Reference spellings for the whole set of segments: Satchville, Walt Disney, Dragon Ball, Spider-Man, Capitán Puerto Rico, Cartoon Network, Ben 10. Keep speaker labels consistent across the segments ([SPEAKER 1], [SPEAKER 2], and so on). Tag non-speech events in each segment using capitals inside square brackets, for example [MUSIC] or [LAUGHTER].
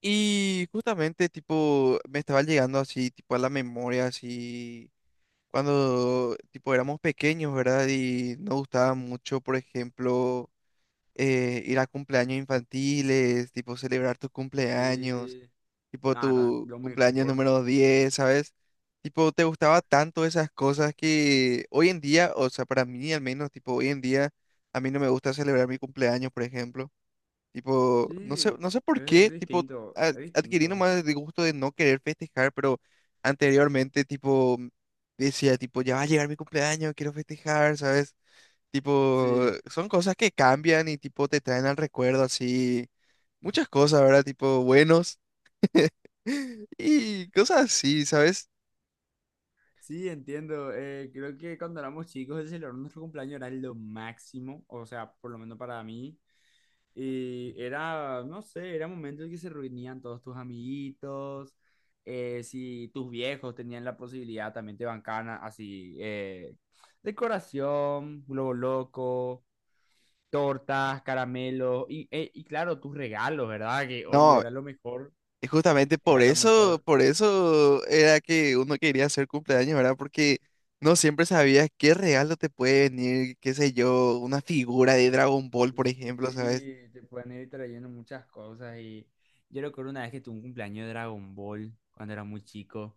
[SPEAKER 1] Y justamente, tipo, me estaba llegando así, tipo, a la memoria, así, cuando, tipo, éramos pequeños, ¿verdad? Y nos gustaba mucho, por ejemplo, ir a cumpleaños infantiles, tipo, celebrar tus cumpleaños,
[SPEAKER 2] Sí,
[SPEAKER 1] tipo,
[SPEAKER 2] nada, era
[SPEAKER 1] tu
[SPEAKER 2] lo
[SPEAKER 1] cumpleaños
[SPEAKER 2] mejor.
[SPEAKER 1] número 10, ¿sabes? Tipo, te gustaba tanto esas cosas que hoy en día, o sea, para mí al menos, tipo, hoy en día, a mí no me gusta celebrar mi cumpleaños, por ejemplo. Tipo, no sé,
[SPEAKER 2] Sí,
[SPEAKER 1] no sé por
[SPEAKER 2] es
[SPEAKER 1] qué, tipo,
[SPEAKER 2] distinto, es
[SPEAKER 1] adquirí
[SPEAKER 2] distinto.
[SPEAKER 1] nomás el gusto de no querer festejar, pero anteriormente, tipo, decía, tipo, ya va a llegar mi cumpleaños, quiero festejar, ¿sabes? Tipo,
[SPEAKER 2] Sí,
[SPEAKER 1] son cosas que cambian y, tipo, te traen al recuerdo, así, muchas cosas, ¿verdad? Tipo, buenos [LAUGHS] y cosas así, ¿sabes?
[SPEAKER 2] sí, entiendo. Creo que cuando éramos chicos, el celebrar nuestro cumpleaños era lo máximo, o sea, por lo menos para mí. Y era, no sé, era momento en que se reunían todos tus amiguitos. Si tus viejos tenían la posibilidad, también te bancaban así, decoración, globo loco, tortas, caramelos y claro, tus regalos, ¿verdad? Que obvio
[SPEAKER 1] No,
[SPEAKER 2] era lo mejor,
[SPEAKER 1] y justamente
[SPEAKER 2] era lo mejor.
[SPEAKER 1] por eso era que uno quería hacer cumpleaños, ¿verdad? Porque no siempre sabías qué regalo te puede venir, qué sé yo, una figura de Dragon Ball, por ejemplo, ¿sabes?
[SPEAKER 2] Sí, te pueden ir trayendo muchas cosas y yo recuerdo una vez que tuve un cumpleaños de Dragon Ball cuando era muy chico.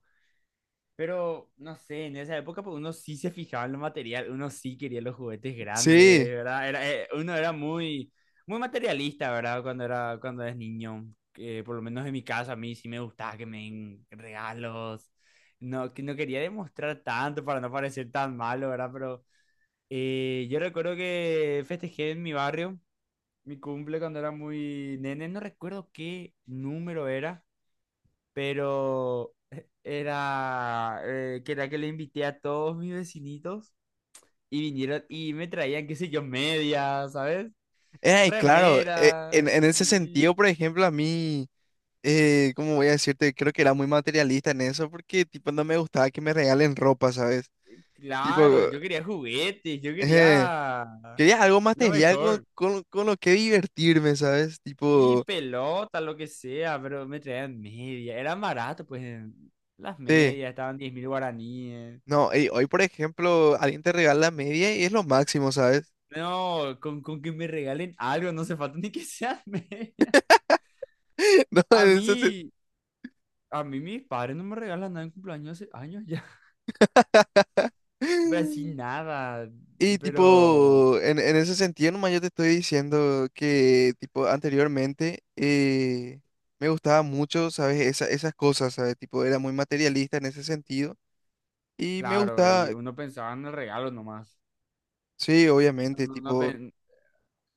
[SPEAKER 2] Pero, no sé, en esa época pues, uno sí se fijaba en lo material, uno sí quería los juguetes grandes,
[SPEAKER 1] Sí,
[SPEAKER 2] ¿verdad? Era, uno era muy, muy materialista, ¿verdad? Cuando era, cuando eres niño. Que por lo menos en mi caso, a mí sí me gustaba que me den regalos. No, que no quería demostrar tanto para no parecer tan malo, ¿verdad? Pero yo recuerdo que festejé en mi barrio mi cumple cuando era muy nene. No recuerdo qué número era, pero era que era que le invité a todos mis vecinitos y vinieron y me traían, qué sé yo, medias, ¿sabes?
[SPEAKER 1] claro,
[SPEAKER 2] Remeras,
[SPEAKER 1] en ese
[SPEAKER 2] sí,
[SPEAKER 1] sentido, por ejemplo, a mí, ¿cómo voy a decirte? Creo que era muy materialista en eso, porque tipo no me gustaba que me regalen ropa, ¿sabes? Tipo,
[SPEAKER 2] claro, yo quería juguetes, yo
[SPEAKER 1] eh,
[SPEAKER 2] quería
[SPEAKER 1] quería algo
[SPEAKER 2] lo
[SPEAKER 1] material con,
[SPEAKER 2] mejor.
[SPEAKER 1] con, con lo que divertirme, ¿sabes?
[SPEAKER 2] Y
[SPEAKER 1] Tipo...
[SPEAKER 2] pelota, lo que sea, pero me traían medias. Era barato, pues las
[SPEAKER 1] Sí.
[SPEAKER 2] medias estaban 10.000 guaraníes.
[SPEAKER 1] No, ey, hoy por ejemplo, alguien te regala media y es lo máximo, ¿sabes?
[SPEAKER 2] No, con que me regalen algo, no se falta ni que sean [LAUGHS] medias.
[SPEAKER 1] [LAUGHS] No,
[SPEAKER 2] A mí, a mí mis padres no me regalan nada en cumpleaños hace años ya. [LAUGHS] Pero así
[SPEAKER 1] [LAUGHS]
[SPEAKER 2] nada.
[SPEAKER 1] Y
[SPEAKER 2] Pero,
[SPEAKER 1] tipo, en ese sentido nomás yo te estoy diciendo que tipo anteriormente me gustaba mucho, ¿sabes? Esas cosas, ¿sabes? Tipo, era muy materialista en ese sentido. Y me
[SPEAKER 2] claro, y
[SPEAKER 1] gustaba,
[SPEAKER 2] uno pensaba en el regalo nomás.
[SPEAKER 1] sí,
[SPEAKER 2] No,
[SPEAKER 1] obviamente,
[SPEAKER 2] no, no
[SPEAKER 1] tipo...
[SPEAKER 2] pen-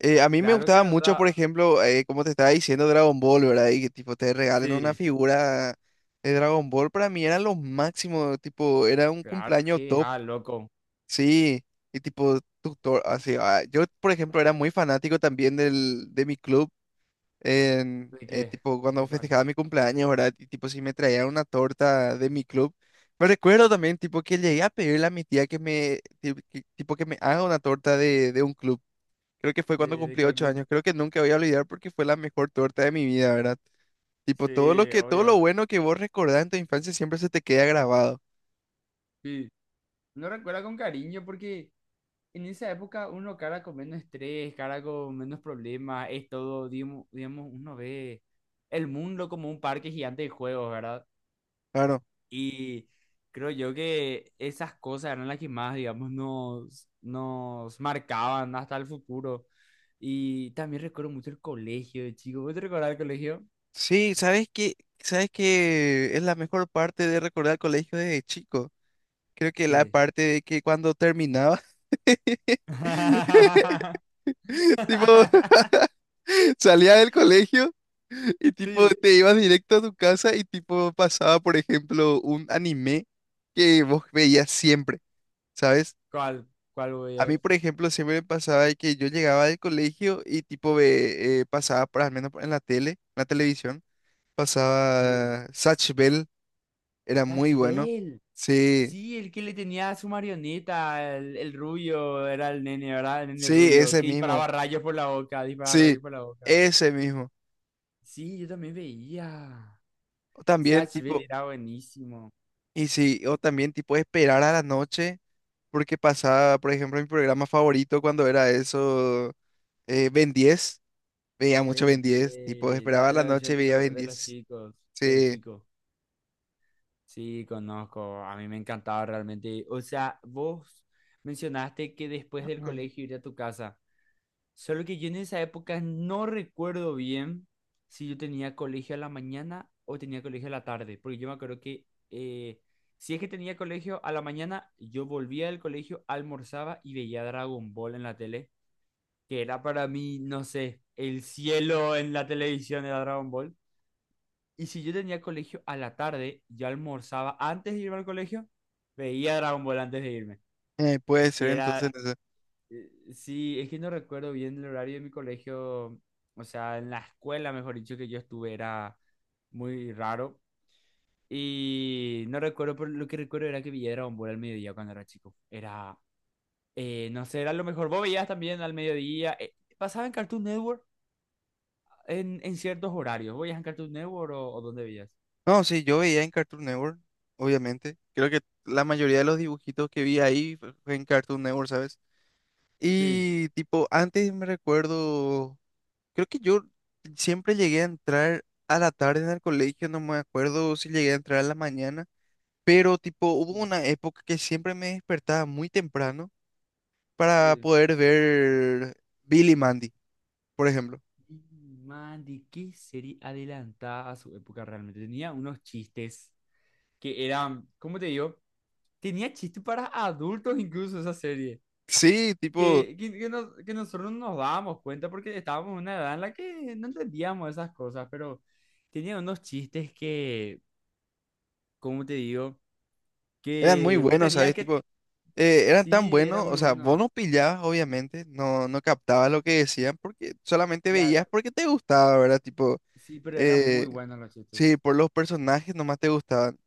[SPEAKER 1] A mí me
[SPEAKER 2] Claro que
[SPEAKER 1] gustaba mucho,
[SPEAKER 2] verdad.
[SPEAKER 1] por ejemplo, como te estaba diciendo, Dragon Ball, ¿verdad? Y que tipo te regalen una
[SPEAKER 2] Sí,
[SPEAKER 1] figura de Dragon Ball, para mí era lo máximo, tipo, era un
[SPEAKER 2] claro.
[SPEAKER 1] cumpleaños
[SPEAKER 2] Sí,
[SPEAKER 1] top,
[SPEAKER 2] ah, loco.
[SPEAKER 1] sí, y tipo, tutor, así, ah, yo, por ejemplo, era muy fanático también de mi club,
[SPEAKER 2] ¿De qué?
[SPEAKER 1] tipo, cuando
[SPEAKER 2] ¿De cuál?
[SPEAKER 1] festejaba mi cumpleaños, ¿verdad? Y tipo, si me traían una torta de mi club, me recuerdo también, tipo, que llegué a pedirle a mi tía que me, tipo, que me haga una torta de un club. Creo que fue cuando
[SPEAKER 2] De
[SPEAKER 1] cumplí
[SPEAKER 2] cuál
[SPEAKER 1] ocho
[SPEAKER 2] club?
[SPEAKER 1] años. Creo que nunca voy a olvidar porque fue la mejor torta de mi vida, ¿verdad? Tipo, todo lo
[SPEAKER 2] Sí,
[SPEAKER 1] que, todo lo
[SPEAKER 2] obvio.
[SPEAKER 1] bueno que vos recordás en tu infancia siempre se te queda grabado.
[SPEAKER 2] Sí. Uno recuerda con cariño porque en esa época uno cara con menos estrés, cara con menos problemas, es todo, digamos, digamos, uno ve el mundo como un parque gigante de juegos, ¿verdad?
[SPEAKER 1] Claro.
[SPEAKER 2] Y creo yo que esas cosas eran las que más, digamos, nos, nos marcaban hasta el futuro. Y también recuerdo mucho el colegio, de chico. ¿Vos te recordás el colegio?
[SPEAKER 1] Sí, ¿sabes qué? ¿Sabes qué es la mejor parte de recordar el colegio desde chico? Creo que la
[SPEAKER 2] ¿Qué?
[SPEAKER 1] parte de que cuando terminaba, [LAUGHS]
[SPEAKER 2] [LAUGHS]
[SPEAKER 1] tipo, [LAUGHS] salía del colegio y tipo
[SPEAKER 2] Sí.
[SPEAKER 1] te ibas directo a tu casa y tipo pasaba, por ejemplo, un anime que vos veías siempre. ¿Sabes?
[SPEAKER 2] ¿Cuál? ¿Cuál voy
[SPEAKER 1] A
[SPEAKER 2] a...
[SPEAKER 1] mí, por ejemplo, siempre me pasaba de que yo llegaba del colegio y tipo pasaba, por al menos en la tele, en la televisión,
[SPEAKER 2] Sí.
[SPEAKER 1] pasaba Satch Bell, era muy
[SPEAKER 2] Catch
[SPEAKER 1] bueno.
[SPEAKER 2] Bell.
[SPEAKER 1] Sí,
[SPEAKER 2] Sí, el que le tenía a su marioneta, el rubio, era el nene, ¿verdad? El nene
[SPEAKER 1] sí,
[SPEAKER 2] rubio,
[SPEAKER 1] ese
[SPEAKER 2] que
[SPEAKER 1] mismo.
[SPEAKER 2] disparaba rayos por la boca, disparaba
[SPEAKER 1] Sí,
[SPEAKER 2] rayos por la boca.
[SPEAKER 1] ese mismo.
[SPEAKER 2] Sí, yo también veía.
[SPEAKER 1] O también
[SPEAKER 2] Satchville
[SPEAKER 1] tipo,
[SPEAKER 2] era buenísimo.
[SPEAKER 1] y sí, o también tipo esperar a la noche, porque pasaba, por ejemplo, mi programa favorito cuando era eso, Ben 10. Veía mucho
[SPEAKER 2] Ben
[SPEAKER 1] Ben 10, tipo
[SPEAKER 2] 10,
[SPEAKER 1] esperaba a
[SPEAKER 2] la,
[SPEAKER 1] la
[SPEAKER 2] la
[SPEAKER 1] noche
[SPEAKER 2] versión
[SPEAKER 1] y
[SPEAKER 2] de,
[SPEAKER 1] veía Ben
[SPEAKER 2] de los
[SPEAKER 1] diez
[SPEAKER 2] chicos, del
[SPEAKER 1] Sí.
[SPEAKER 2] chico. Sí, conozco, a mí me encantaba realmente. O sea, vos mencionaste que después del colegio ir a tu casa. Solo que yo en esa época no recuerdo bien si yo tenía colegio a la mañana o tenía colegio a la tarde. Porque yo me acuerdo que, si es que tenía colegio a la mañana, yo volvía del colegio, almorzaba y veía Dragon Ball en la tele. Que era para mí, no sé, el cielo en la televisión de Dragon Ball. Y si yo tenía colegio a la tarde, yo almorzaba antes de irme al colegio, veía Dragon Ball antes de irme.
[SPEAKER 1] Puede
[SPEAKER 2] Y
[SPEAKER 1] ser entonces.
[SPEAKER 2] era,
[SPEAKER 1] No sé.
[SPEAKER 2] sí, es que no recuerdo bien el horario de mi colegio, o sea, en la escuela, mejor dicho, que yo estuve, era muy raro. Y no recuerdo, pero lo que recuerdo era que veía Dragon Ball al mediodía cuando era chico. Era, no sé, era lo mejor. Vos veías también al mediodía. Pasaba en Cartoon Network, en ciertos horarios. ¿Voy a en Cartoon Network o dónde veías?
[SPEAKER 1] No, sí, yo veía en Cartoon Network, obviamente. Creo que la mayoría de los dibujitos que vi ahí fue en Cartoon Network, ¿sabes?
[SPEAKER 2] Sí,
[SPEAKER 1] Y tipo, antes me recuerdo, creo que yo siempre llegué a entrar a la tarde en el colegio, no me acuerdo si llegué a entrar a la mañana, pero tipo, hubo
[SPEAKER 2] sí,
[SPEAKER 1] una época que siempre me despertaba muy temprano para
[SPEAKER 2] sí.
[SPEAKER 1] poder ver Billy Mandy, por ejemplo.
[SPEAKER 2] Y, Man, ¿de qué serie adelantada a su época realmente? Tenía unos chistes que eran, ¿cómo te digo? Tenía chistes para adultos incluso esa serie.
[SPEAKER 1] Sí, tipo,
[SPEAKER 2] Que, que nosotros no nos dábamos cuenta porque estábamos en una edad en la que no entendíamos esas cosas, pero tenía unos chistes que, ¿cómo te digo?
[SPEAKER 1] eran muy
[SPEAKER 2] Que vos
[SPEAKER 1] buenos,
[SPEAKER 2] tenías
[SPEAKER 1] ¿sabes?
[SPEAKER 2] que...
[SPEAKER 1] Tipo... eran tan
[SPEAKER 2] Sí, era
[SPEAKER 1] buenos,
[SPEAKER 2] muy
[SPEAKER 1] o sea, vos
[SPEAKER 2] bueno.
[SPEAKER 1] no pillabas, obviamente, no, no captabas lo que decían porque solamente
[SPEAKER 2] Claro.
[SPEAKER 1] veías porque te gustaba, ¿verdad? Tipo,
[SPEAKER 2] Sí, pero eran
[SPEAKER 1] eh,
[SPEAKER 2] muy buenos los chistes.
[SPEAKER 1] sí, por los personajes nomás te gustaban.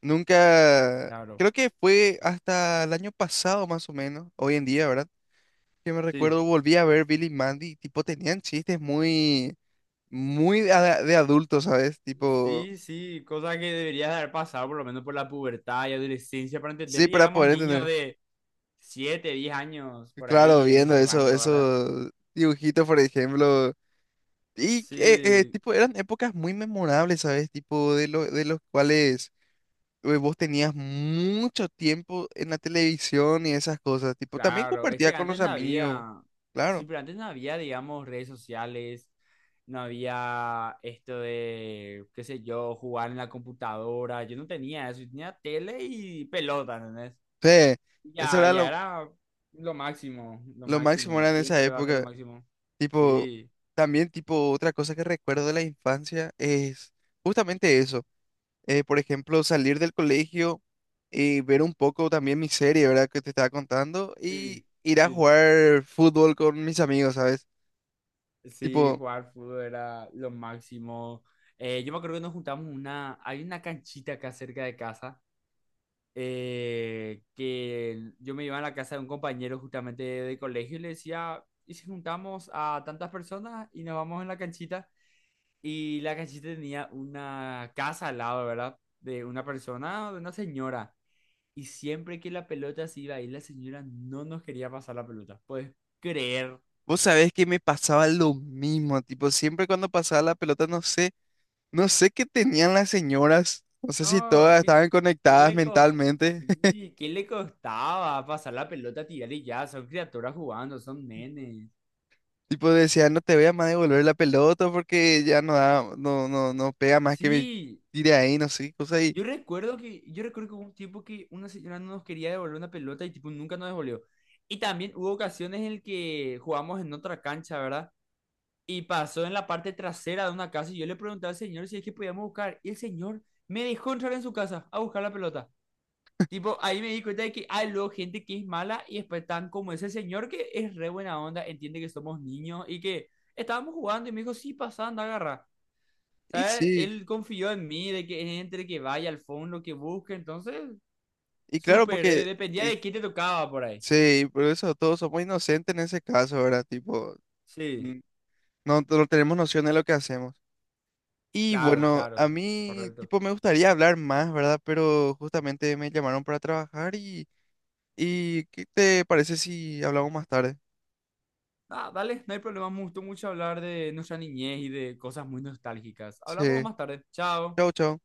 [SPEAKER 1] Nunca,
[SPEAKER 2] Claro.
[SPEAKER 1] creo que fue hasta el año pasado más o menos, hoy en día, ¿verdad? Que me
[SPEAKER 2] Sí.
[SPEAKER 1] recuerdo, volví a ver Billy y Mandy, y, tipo, tenían chistes muy, muy de adultos, ¿sabes? Tipo,
[SPEAKER 2] Sí, cosa que deberías haber pasado por lo menos por la pubertad y adolescencia para entender.
[SPEAKER 1] sí,
[SPEAKER 2] Y
[SPEAKER 1] para
[SPEAKER 2] éramos
[SPEAKER 1] poder
[SPEAKER 2] niños
[SPEAKER 1] entender.
[SPEAKER 2] de 7, 10 años, por
[SPEAKER 1] Claro,
[SPEAKER 2] ahí, en
[SPEAKER 1] viendo
[SPEAKER 2] ese
[SPEAKER 1] eso,
[SPEAKER 2] rango, ¿verdad?
[SPEAKER 1] esos dibujitos, por ejemplo. Y
[SPEAKER 2] Sí,
[SPEAKER 1] tipo, eran épocas muy memorables, ¿sabes? Tipo, de los cuales vos tenías mucho tiempo en la televisión y esas cosas. Tipo, también
[SPEAKER 2] claro. Es
[SPEAKER 1] compartía
[SPEAKER 2] que
[SPEAKER 1] con
[SPEAKER 2] antes
[SPEAKER 1] los
[SPEAKER 2] no
[SPEAKER 1] amigos,
[SPEAKER 2] había, sí,
[SPEAKER 1] claro.
[SPEAKER 2] pero antes no había, digamos, redes sociales, no había esto de, qué sé yo, jugar en la computadora. Yo no tenía eso, yo tenía tele y pelota, ¿entendés?
[SPEAKER 1] Sí, eso
[SPEAKER 2] Ya,
[SPEAKER 1] era
[SPEAKER 2] ya
[SPEAKER 1] lo,
[SPEAKER 2] era lo
[SPEAKER 1] lo máximo
[SPEAKER 2] máximo,
[SPEAKER 1] era en esa
[SPEAKER 2] siempre va a ser lo
[SPEAKER 1] época.
[SPEAKER 2] máximo.
[SPEAKER 1] Tipo,
[SPEAKER 2] Sí,
[SPEAKER 1] también, tipo, otra cosa que recuerdo de la infancia es justamente eso. Por ejemplo, salir del colegio y ver un poco también mi serie, ¿verdad? Que te estaba contando
[SPEAKER 2] sí,
[SPEAKER 1] y ir a
[SPEAKER 2] sí.
[SPEAKER 1] jugar fútbol con mis amigos, ¿sabes?
[SPEAKER 2] Sí,
[SPEAKER 1] Tipo,
[SPEAKER 2] jugar fútbol era lo máximo. Yo me acuerdo que nos juntamos una, hay una canchita acá cerca de casa, que yo me iba a la casa de un compañero justamente de colegio y le decía, ¿y si juntamos a tantas personas y nos vamos en la canchita? Y la canchita tenía una casa al lado, ¿verdad? De una persona, de una señora. Y siempre que la pelota se iba a ir, la señora no nos quería pasar la pelota. Puedes creer.
[SPEAKER 1] vos sabés que me pasaba lo mismo, tipo, siempre cuando pasaba la pelota, no sé, no sé qué tenían las señoras, no sé si
[SPEAKER 2] No,
[SPEAKER 1] todas
[SPEAKER 2] ¿qué,
[SPEAKER 1] estaban
[SPEAKER 2] qué
[SPEAKER 1] conectadas
[SPEAKER 2] le costó?
[SPEAKER 1] mentalmente, [LAUGHS]
[SPEAKER 2] Sí, ¿qué le costaba pasar la pelota, tirar y ya? Son criaturas jugando, son nenes.
[SPEAKER 1] tipo, decían, no te voy a más devolver la pelota porque ya no da, no, no, no pega más que me
[SPEAKER 2] Sí,
[SPEAKER 1] tire ahí, no sé, cosas,
[SPEAKER 2] yo recuerdo que hubo un tiempo que una señora no nos quería devolver una pelota y tipo nunca nos devolvió. Y también hubo ocasiones en el que jugamos en otra cancha, ¿verdad? Y pasó en la parte trasera de una casa y yo le pregunté al señor si es que podíamos buscar. Y el señor me dejó entrar en su casa a buscar la pelota. Tipo, ahí me di cuenta de que hay luego gente que es mala y después tan como ese señor que es re buena onda, entiende que somos niños y que estábamos jugando y me dijo, sí, pasa, anda, agarra.
[SPEAKER 1] y
[SPEAKER 2] ¿Sabes?
[SPEAKER 1] sí,
[SPEAKER 2] Él confió en mí, de que entre, que vaya al fondo, que busque. Entonces,
[SPEAKER 1] y claro,
[SPEAKER 2] súper,
[SPEAKER 1] porque,
[SPEAKER 2] dependía
[SPEAKER 1] y
[SPEAKER 2] de qué te tocaba por ahí.
[SPEAKER 1] sí, por eso todos somos inocentes en ese caso, ¿verdad? Tipo,
[SPEAKER 2] Sí,
[SPEAKER 1] mm, no, no tenemos noción de lo que hacemos. Y
[SPEAKER 2] claro,
[SPEAKER 1] bueno, a
[SPEAKER 2] claro,
[SPEAKER 1] mí
[SPEAKER 2] correcto.
[SPEAKER 1] tipo me gustaría hablar más, ¿verdad? Pero justamente me llamaron para trabajar y, ¿qué te parece si hablamos más tarde?
[SPEAKER 2] Ah, dale, no hay problema. Me gustó mucho hablar de nuestra niñez y de cosas muy nostálgicas. Hablamos
[SPEAKER 1] Sí.
[SPEAKER 2] más tarde. Chao.
[SPEAKER 1] Chao, chao.